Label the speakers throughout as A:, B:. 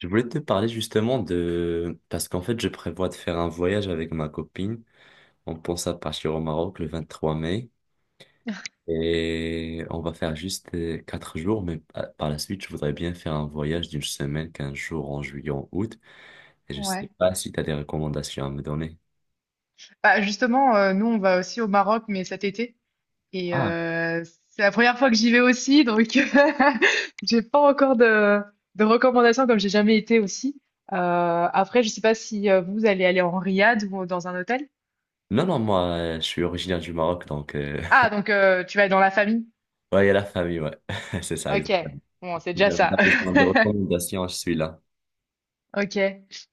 A: Je voulais te parler justement. Parce qu'en fait, je prévois de faire un voyage avec ma copine. On pense à partir au Maroc le 23 mai. Et on va faire juste 4 jours, mais par la suite, je voudrais bien faire un voyage d'une semaine, 15 jours en juillet, en août. Et je
B: Ouais.
A: sais pas si tu as des recommandations à me donner.
B: Bah, justement, nous, on va aussi au Maroc, mais cet été et
A: Ah,
B: heu, c'est la première fois que j'y vais aussi, donc j'ai pas encore de recommandations comme j'ai jamais été aussi. Après, je sais pas si, vous allez aller en riad ou dans un hôtel?
A: non, non, moi, je suis originaire du Maroc, donc.
B: Ah, donc, tu vas être dans la famille?
A: Ouais, il y a la famille, ouais. C'est ça,
B: OK,
A: exactement.
B: bon, c'est déjà
A: J'avais
B: ça.
A: pas besoin de recommandations, je suis là.
B: OK.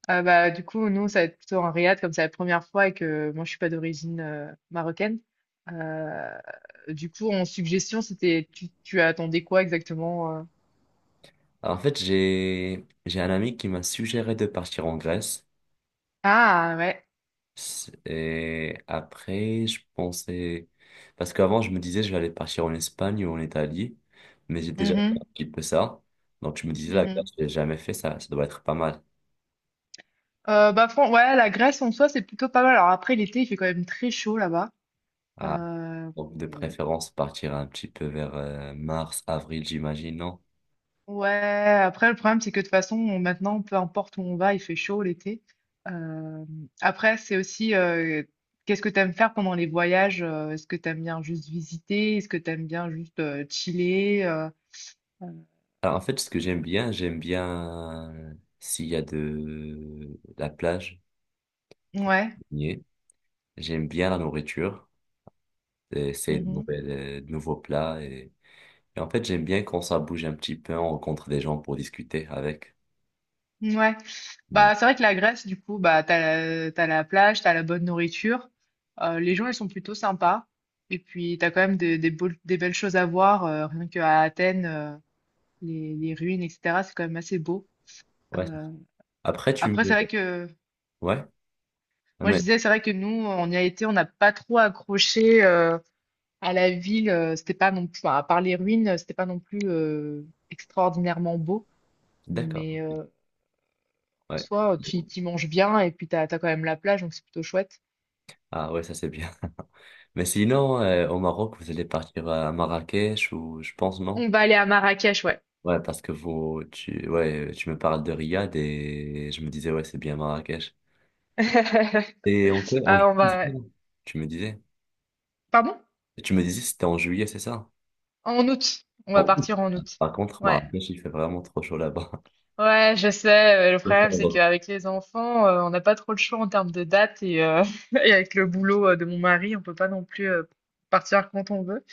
B: Bah, du coup, nous, ça va être plutôt en Riyad, comme c'est la première fois et que moi, je suis pas d'origine, marocaine. Euh, du coup, en suggestion, c'était, tu attendais quoi exactement?
A: En fait, j'ai un ami qui m'a suggéré de partir en Grèce.
B: Ah, ouais.
A: Et après, je pensais. Parce qu'avant, je me disais, je vais aller partir en Espagne ou en Italie, mais j'ai déjà fait un
B: Mhm,
A: petit peu ça. Donc, je me disais, la
B: mhm.
A: glace, j'ai jamais fait ça, ça doit être pas mal.
B: Bah, ouais, la Grèce en soi, c'est plutôt pas mal. Alors après, l'été, il fait quand même très chaud là-bas.
A: Ah,
B: Euh,
A: donc, de préférence, partir un petit peu vers mars, avril, j'imagine, non?
B: Ouais, après, le problème, c'est que de toute façon, maintenant, peu importe où on va, il fait chaud l'été. Euh, Après, c'est aussi, qu'est-ce que tu aimes faire pendant les voyages? Est-ce que tu aimes bien juste visiter? Est-ce que tu aimes bien juste, chiller? Euh,
A: Alors, en fait, ce que j'aime bien, s'il y a de la plage,
B: Ouais.
A: baigner. J'aime bien la nourriture, essayer
B: Mhm,
A: de nouveaux plats. Et en fait, j'aime bien quand ça bouge un petit peu, on rencontre des gens pour discuter avec.
B: ouais.
A: Mm.
B: Bah, c'est vrai que la Grèce, du coup, bah, t'as la plage, t'as la bonne nourriture. Les gens, ils sont plutôt sympas. Et puis, t'as quand même des belles choses à voir. Rien qu'à Athènes, les ruines, etc., c'est quand même assez beau.
A: Ouais.
B: Euh,
A: Après, tu
B: Après, c'est
A: me...
B: vrai que
A: Ouais. Ah,
B: moi je
A: Mais...
B: disais, c'est vrai que nous, on y a été, on n'a pas trop accroché, à la ville. C'était pas non plus, enfin, à part les ruines, c'était pas non plus, extraordinairement beau.
A: D'accord.
B: Mais, en
A: Ouais.
B: soi, manges bien et puis t'as quand même la plage, donc c'est plutôt chouette.
A: Ah ouais, ça c'est bien. Mais sinon, au Maroc, vous allez partir à Marrakech ou je pense non?
B: On va aller à Marrakech, ouais.
A: Ouais, parce que ouais, tu me parles de Riyad et je me disais, ouais, c'est bien Marrakech. Et ok, en
B: Ah, on
A: juillet, c'est
B: va.
A: ça tu me disais.
B: Pardon?
A: Tu me disais c'était en juillet, c'est ça?
B: En août. On
A: En
B: va
A: août.
B: partir en août.
A: Par contre,
B: Ouais.
A: Marrakech, il fait vraiment trop chaud là-bas.
B: Ouais, je sais. Le problème,
A: D'accord,
B: c'est
A: donc,
B: qu'avec les enfants, on n'a pas trop le choix en termes de date et avec le boulot, de mon mari, on peut pas non plus, partir quand on veut.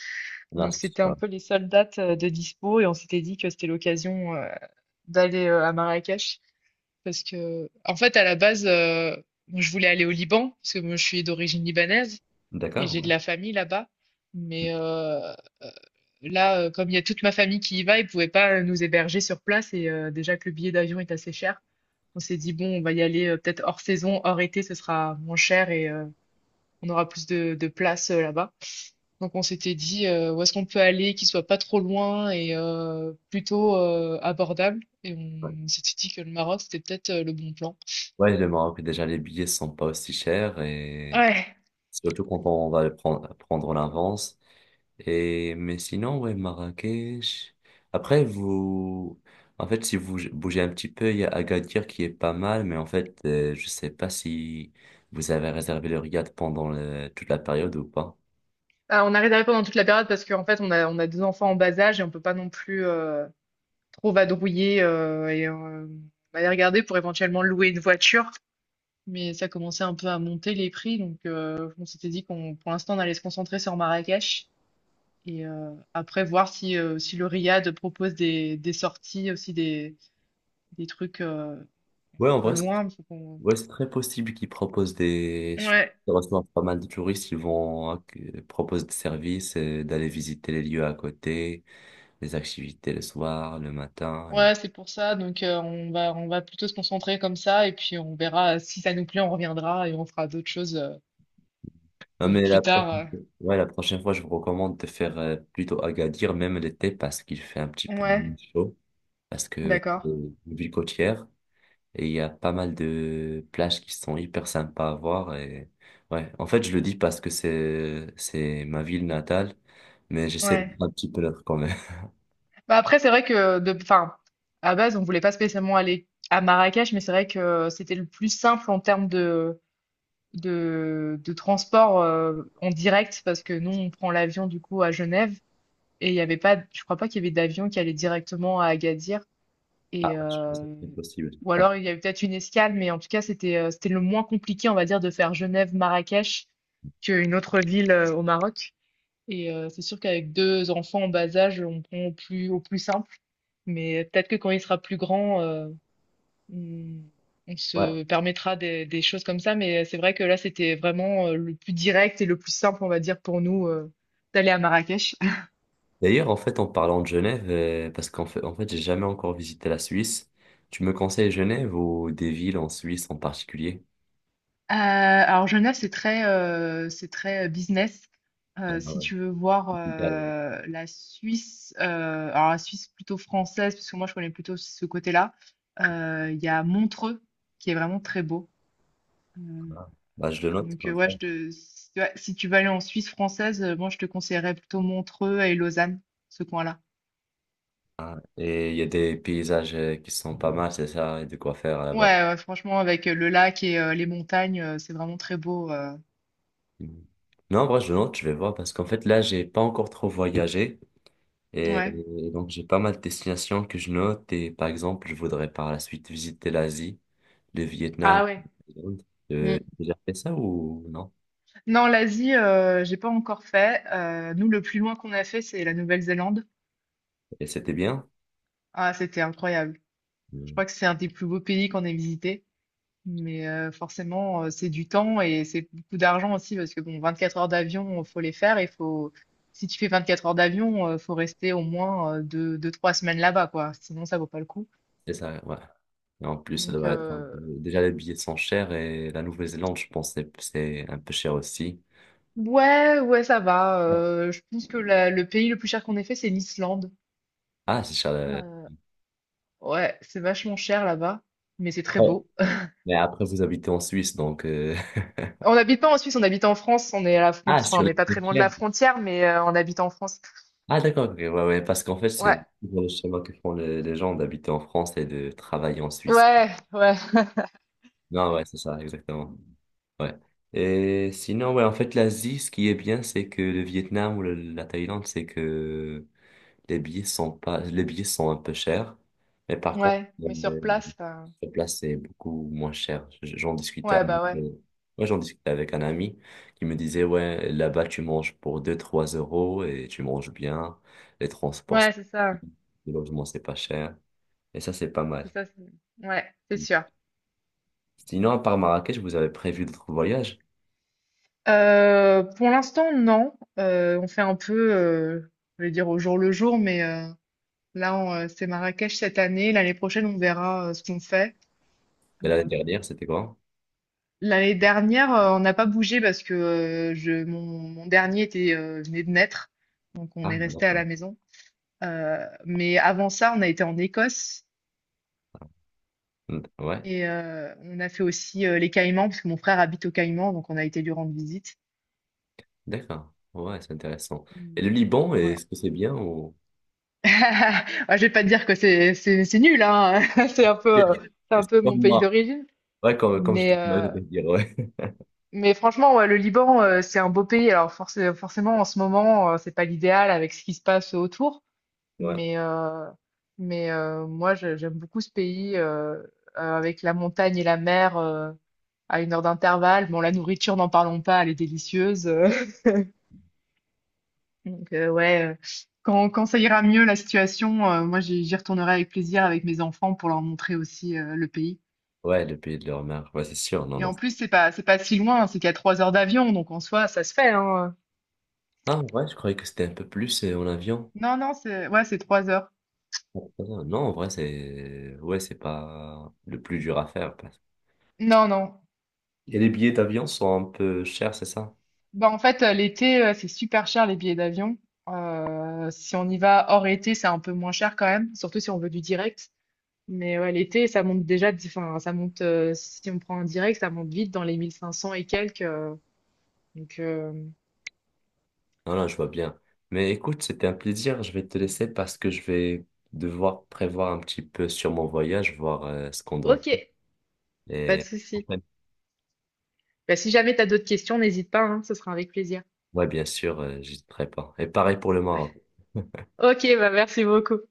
A: là.
B: Donc c'était un peu les seules dates, de dispo, et on s'était dit que c'était l'occasion, d'aller, à Marrakech, parce que en fait, à la base, moi, je voulais aller au Liban, parce que moi je suis d'origine libanaise et
A: D'accord,
B: j'ai
A: ouais.
B: de la famille là-bas. Mais, euh, là, comme il y a toute ma famille qui y va, ils pouvaient pas, nous héberger sur place. Et, déjà que le billet d'avion est assez cher, on s'est dit bon, on va y aller, peut-être hors saison, hors été, ce sera moins cher. Et, on aura plus de place, là-bas. Donc on s'était dit, où est-ce qu'on peut aller, qui soit pas trop loin et, plutôt, abordable. Et
A: Ouais,
B: on s'était dit que le Maroc, c'était peut-être, le bon plan.
A: ouais, le Maroc, déjà, les billets sont pas aussi chers et
B: Ouais.
A: surtout quand on va le prendre l'avance. Et, mais sinon, ouais, Marrakech. Après, vous, en fait, si vous bougez un petit peu, il y a Agadir qui est pas mal, mais en fait, je sais pas si vous avez réservé le riad pendant toute la période ou pas.
B: Ah, on a réservé pendant toute la période, parce qu'en fait on a deux enfants en bas âge et on peut pas non plus, trop vadrouiller, et, on allait regarder pour éventuellement louer une voiture. Mais ça commençait un peu à monter les prix, donc, on s'était dit qu'on, pour l'instant, on allait se concentrer sur Marrakech et, après voir si, si le Riad propose des sorties, aussi des trucs, un
A: Ouais, en
B: peu
A: vrai,
B: loin.
A: ouais, c'est très possible qu'ils proposent.
B: Ouais,
A: Ils reçoivent pas mal de touristes, ils vont hein, proposent des services, d'aller visiter les lieux à côté, les activités le soir, le matin.
B: ouais, c'est pour ça. Donc, on va plutôt se concentrer comme ça, et puis on verra si ça nous plaît, on reviendra et on fera d'autres choses,
A: Non, mais la
B: plus tard.
A: prochaine... Ouais, la prochaine fois, je vous recommande de faire plutôt Agadir, même l'été, parce qu'il fait un petit peu
B: Ouais,
A: chaud, parce que c'est
B: d'accord.
A: une ville côtière, et il y a pas mal de plages qui sont hyper sympas à voir. Ouais, en fait, je le dis parce que c'est ma ville natale, mais j'essaie de
B: Ouais.
A: faire un petit peu l'autre quand même.
B: Bah après, c'est vrai que, enfin, à base, on voulait pas spécialement aller à Marrakech, mais c'est vrai que c'était le plus simple en termes de transport, en direct, parce que nous, on prend l'avion du coup à Genève, et il y avait pas, je crois pas qu'il y avait d'avion qui allait directement à Agadir,
A: Ah
B: et
A: ouais, je pense que
B: euh,
A: c'est possible.
B: ou
A: Ah,
B: alors il y avait peut-être une escale, mais en tout cas, c'était, c'était le moins compliqué, on va dire, de faire Genève-Marrakech qu'une autre ville, au Maroc. Et, c'est sûr qu'avec deux enfants en bas âge, on prend au plus simple. Mais peut-être que quand il sera plus grand, on, on
A: ouais.
B: se permettra des choses comme ça. Mais c'est vrai que là, c'était vraiment, le plus direct et le plus simple, on va dire, pour nous, d'aller à Marrakech.
A: D'ailleurs, en fait, en parlant de Genève, parce qu'en fait, j'ai jamais encore visité la Suisse. Tu me conseilles Genève ou des villes en Suisse en particulier?
B: Alors Genève, c'est très business.
A: Ah
B: Si
A: ouais.
B: tu veux voir,
A: Bah,
B: la Suisse, alors la Suisse plutôt française, parce que moi, je connais plutôt ce côté-là. Il y a Montreux, qui est vraiment très beau. Euh,
A: bah, je le note
B: donc,
A: comme
B: ouais,
A: ça.
B: je te, si, ouais, si tu vas aller en Suisse française, moi je te conseillerais plutôt Montreux et Lausanne, ce coin-là.
A: Ah, et il y a des paysages qui sont pas mal, c'est ça, et de quoi faire là-bas.
B: Ouais, ouais, franchement, avec, le lac et, les montagnes, c'est vraiment très beau.
A: Mhm. Non, en vrai, je le note, je vais voir, parce qu'en fait, là, j'ai pas encore trop voyagé. Et
B: Ouais.
A: donc, j'ai pas mal de destinations que je note. Et par exemple, je voudrais par la suite visiter l'Asie. Le Vietnam,
B: Ah, ouais.
A: la Thaïlande.
B: Mm.
A: T'as déjà fait ça ou non?
B: Non, l'Asie, j'ai pas encore fait. Nous, le plus loin qu'on a fait, c'est la Nouvelle-Zélande.
A: Et c'était bien?
B: Ah, c'était incroyable. Je
A: Mm.
B: crois que c'est un des plus beaux pays qu'on ait visité. Mais, forcément, c'est du temps et c'est beaucoup d'argent aussi, parce que bon, 24 heures d'avion, faut les faire et faut, si tu fais 24 heures d'avion, faut rester au moins, 2-2-3 semaines là-bas, quoi. Sinon ça vaut pas le coup.
A: C'est ça, ouais. Et en plus, ça
B: Donc,
A: doit être un peu... Déjà, les billets sont chers et la Nouvelle-Zélande, je pense, c'est un peu cher aussi.
B: ouais, ouais, ça va,
A: Non.
B: je pense que la le pays le plus cher qu'on ait fait, c'est l'Islande.
A: Ah, c'est cher.
B: Heu, ouais, c'est vachement cher là-bas, mais c'est très
A: Après-
B: beau.
A: Mais après, vous habitez en Suisse, donc.
B: On n'habite pas en Suisse, on habite en France, on est à la fron
A: Ah,
B: enfin,
A: sur
B: on n'est
A: les
B: pas très loin de
A: frontières.
B: la frontière, mais, on habite en France.
A: Ah, d'accord, ok, ouais, ouais, parce qu'en fait,
B: Ouais,
A: c'est toujours le schéma que font les gens d'habiter en France et de travailler en Suisse.
B: ouais, ouais.
A: Non, ouais,
B: Mais,
A: c'est ça, exactement. Ouais. Et sinon, ouais, en fait, l'Asie, ce qui est bien, c'est que le Vietnam ou la Thaïlande, c'est que les billets sont pas, les billets sont un peu chers. Mais par contre,
B: ouais, mais sur place,
A: sur place, c'est beaucoup moins cher. J'en discutais
B: ouais,
A: avec,
B: bah, ouais.
A: ouais, j'en discutais avec un ami qui me disait, ouais, là-bas, tu manges pour deux trois euros et tu manges bien. Les transports,
B: Ouais, c'est ça.
A: le logement, c'est pas cher. Et ça, c'est pas mal.
B: C'est ça, ouais, c'est sûr.
A: Sinon, à part Marrakech, vous avez prévu d'autres voyages?
B: Pour l'instant, non. On fait un peu, je vais dire au jour le jour, mais, là, c'est Marrakech cette année. L'année prochaine, on verra, ce qu'on fait.
A: Et l'année
B: Euh,
A: dernière, c'était quoi?
B: L'année dernière, on n'a pas bougé parce que, mon dernier était, venait de naître. Donc, on
A: Ah,
B: est resté à
A: d'accord.
B: la maison. Mais avant ça, on a été en Écosse.
A: Mm, ouais,
B: Et, on a fait aussi, les Caïmans, parce que mon frère habite aux Caïmans, donc on a été lui rendre visite.
A: d'accord. Ouais, c'est intéressant. Et le
B: Mais
A: Liban,
B: ouais.
A: est-ce que c'est bien ou.
B: Ah, je vais pas te dire que c'est nul, hein, c'est un peu,
A: Yeah.
B: heu, c'est un
A: C'est
B: peu mon
A: comme
B: pays
A: moi.
B: d'origine.
A: Ouais, comme je
B: Mais
A: disais,
B: heu,
A: je vais dire, ouais.
B: mais franchement, ouais, le Liban, c'est un beau pays. Alors, force forcément, en ce moment, c'est pas l'idéal avec ce qui se passe autour,
A: Ouais,
B: mais, moi, je j'aime beaucoup ce pays, avec la montagne et la mer, à une heure d'intervalle. Bon, la nourriture, n'en parlons pas, elle est délicieuse. Donc, ouais, quand ça ira mieux la situation, moi, j'y retournerai avec plaisir avec mes enfants pour leur montrer aussi, le pays.
A: ouais, le pays de leur mère. Ouais, c'est sûr. Non,
B: Et
A: non.
B: en plus, c'est pas si loin, c'est qu'à 3 heures d'avion, donc en soi ça se fait, hein.
A: Ah, ouais, je croyais que c'était un peu plus en avion.
B: Non, non, c'est ouais, c'est 3 heures.
A: Ah, non, en vrai. Ouais, c'est pas le plus dur à faire.
B: Non, non.
A: Et les billets d'avion sont un peu chers, c'est ça?
B: Bah en fait, l'été, c'est super cher les billets d'avion. Si on y va hors été, c'est un peu moins cher quand même, surtout si on veut du direct. Mais ouais, l'été ça monte déjà, enfin ça monte, si on prend un direct ça monte vite dans les 1 500 et quelques. Donc euh,
A: Non, non, je vois bien. Mais écoute, c'était un plaisir. Je vais te laisser parce que je vais devoir prévoir un petit peu sur mon voyage, voir ce qu'on doit.
B: ok. Pas de
A: Et
B: souci. Bah, si jamais tu as d'autres questions, n'hésite pas, hein, ce sera avec plaisir.
A: ouais, bien sûr, j'hésiterai pas. Et pareil pour le Maroc.
B: Ok, bah merci beaucoup.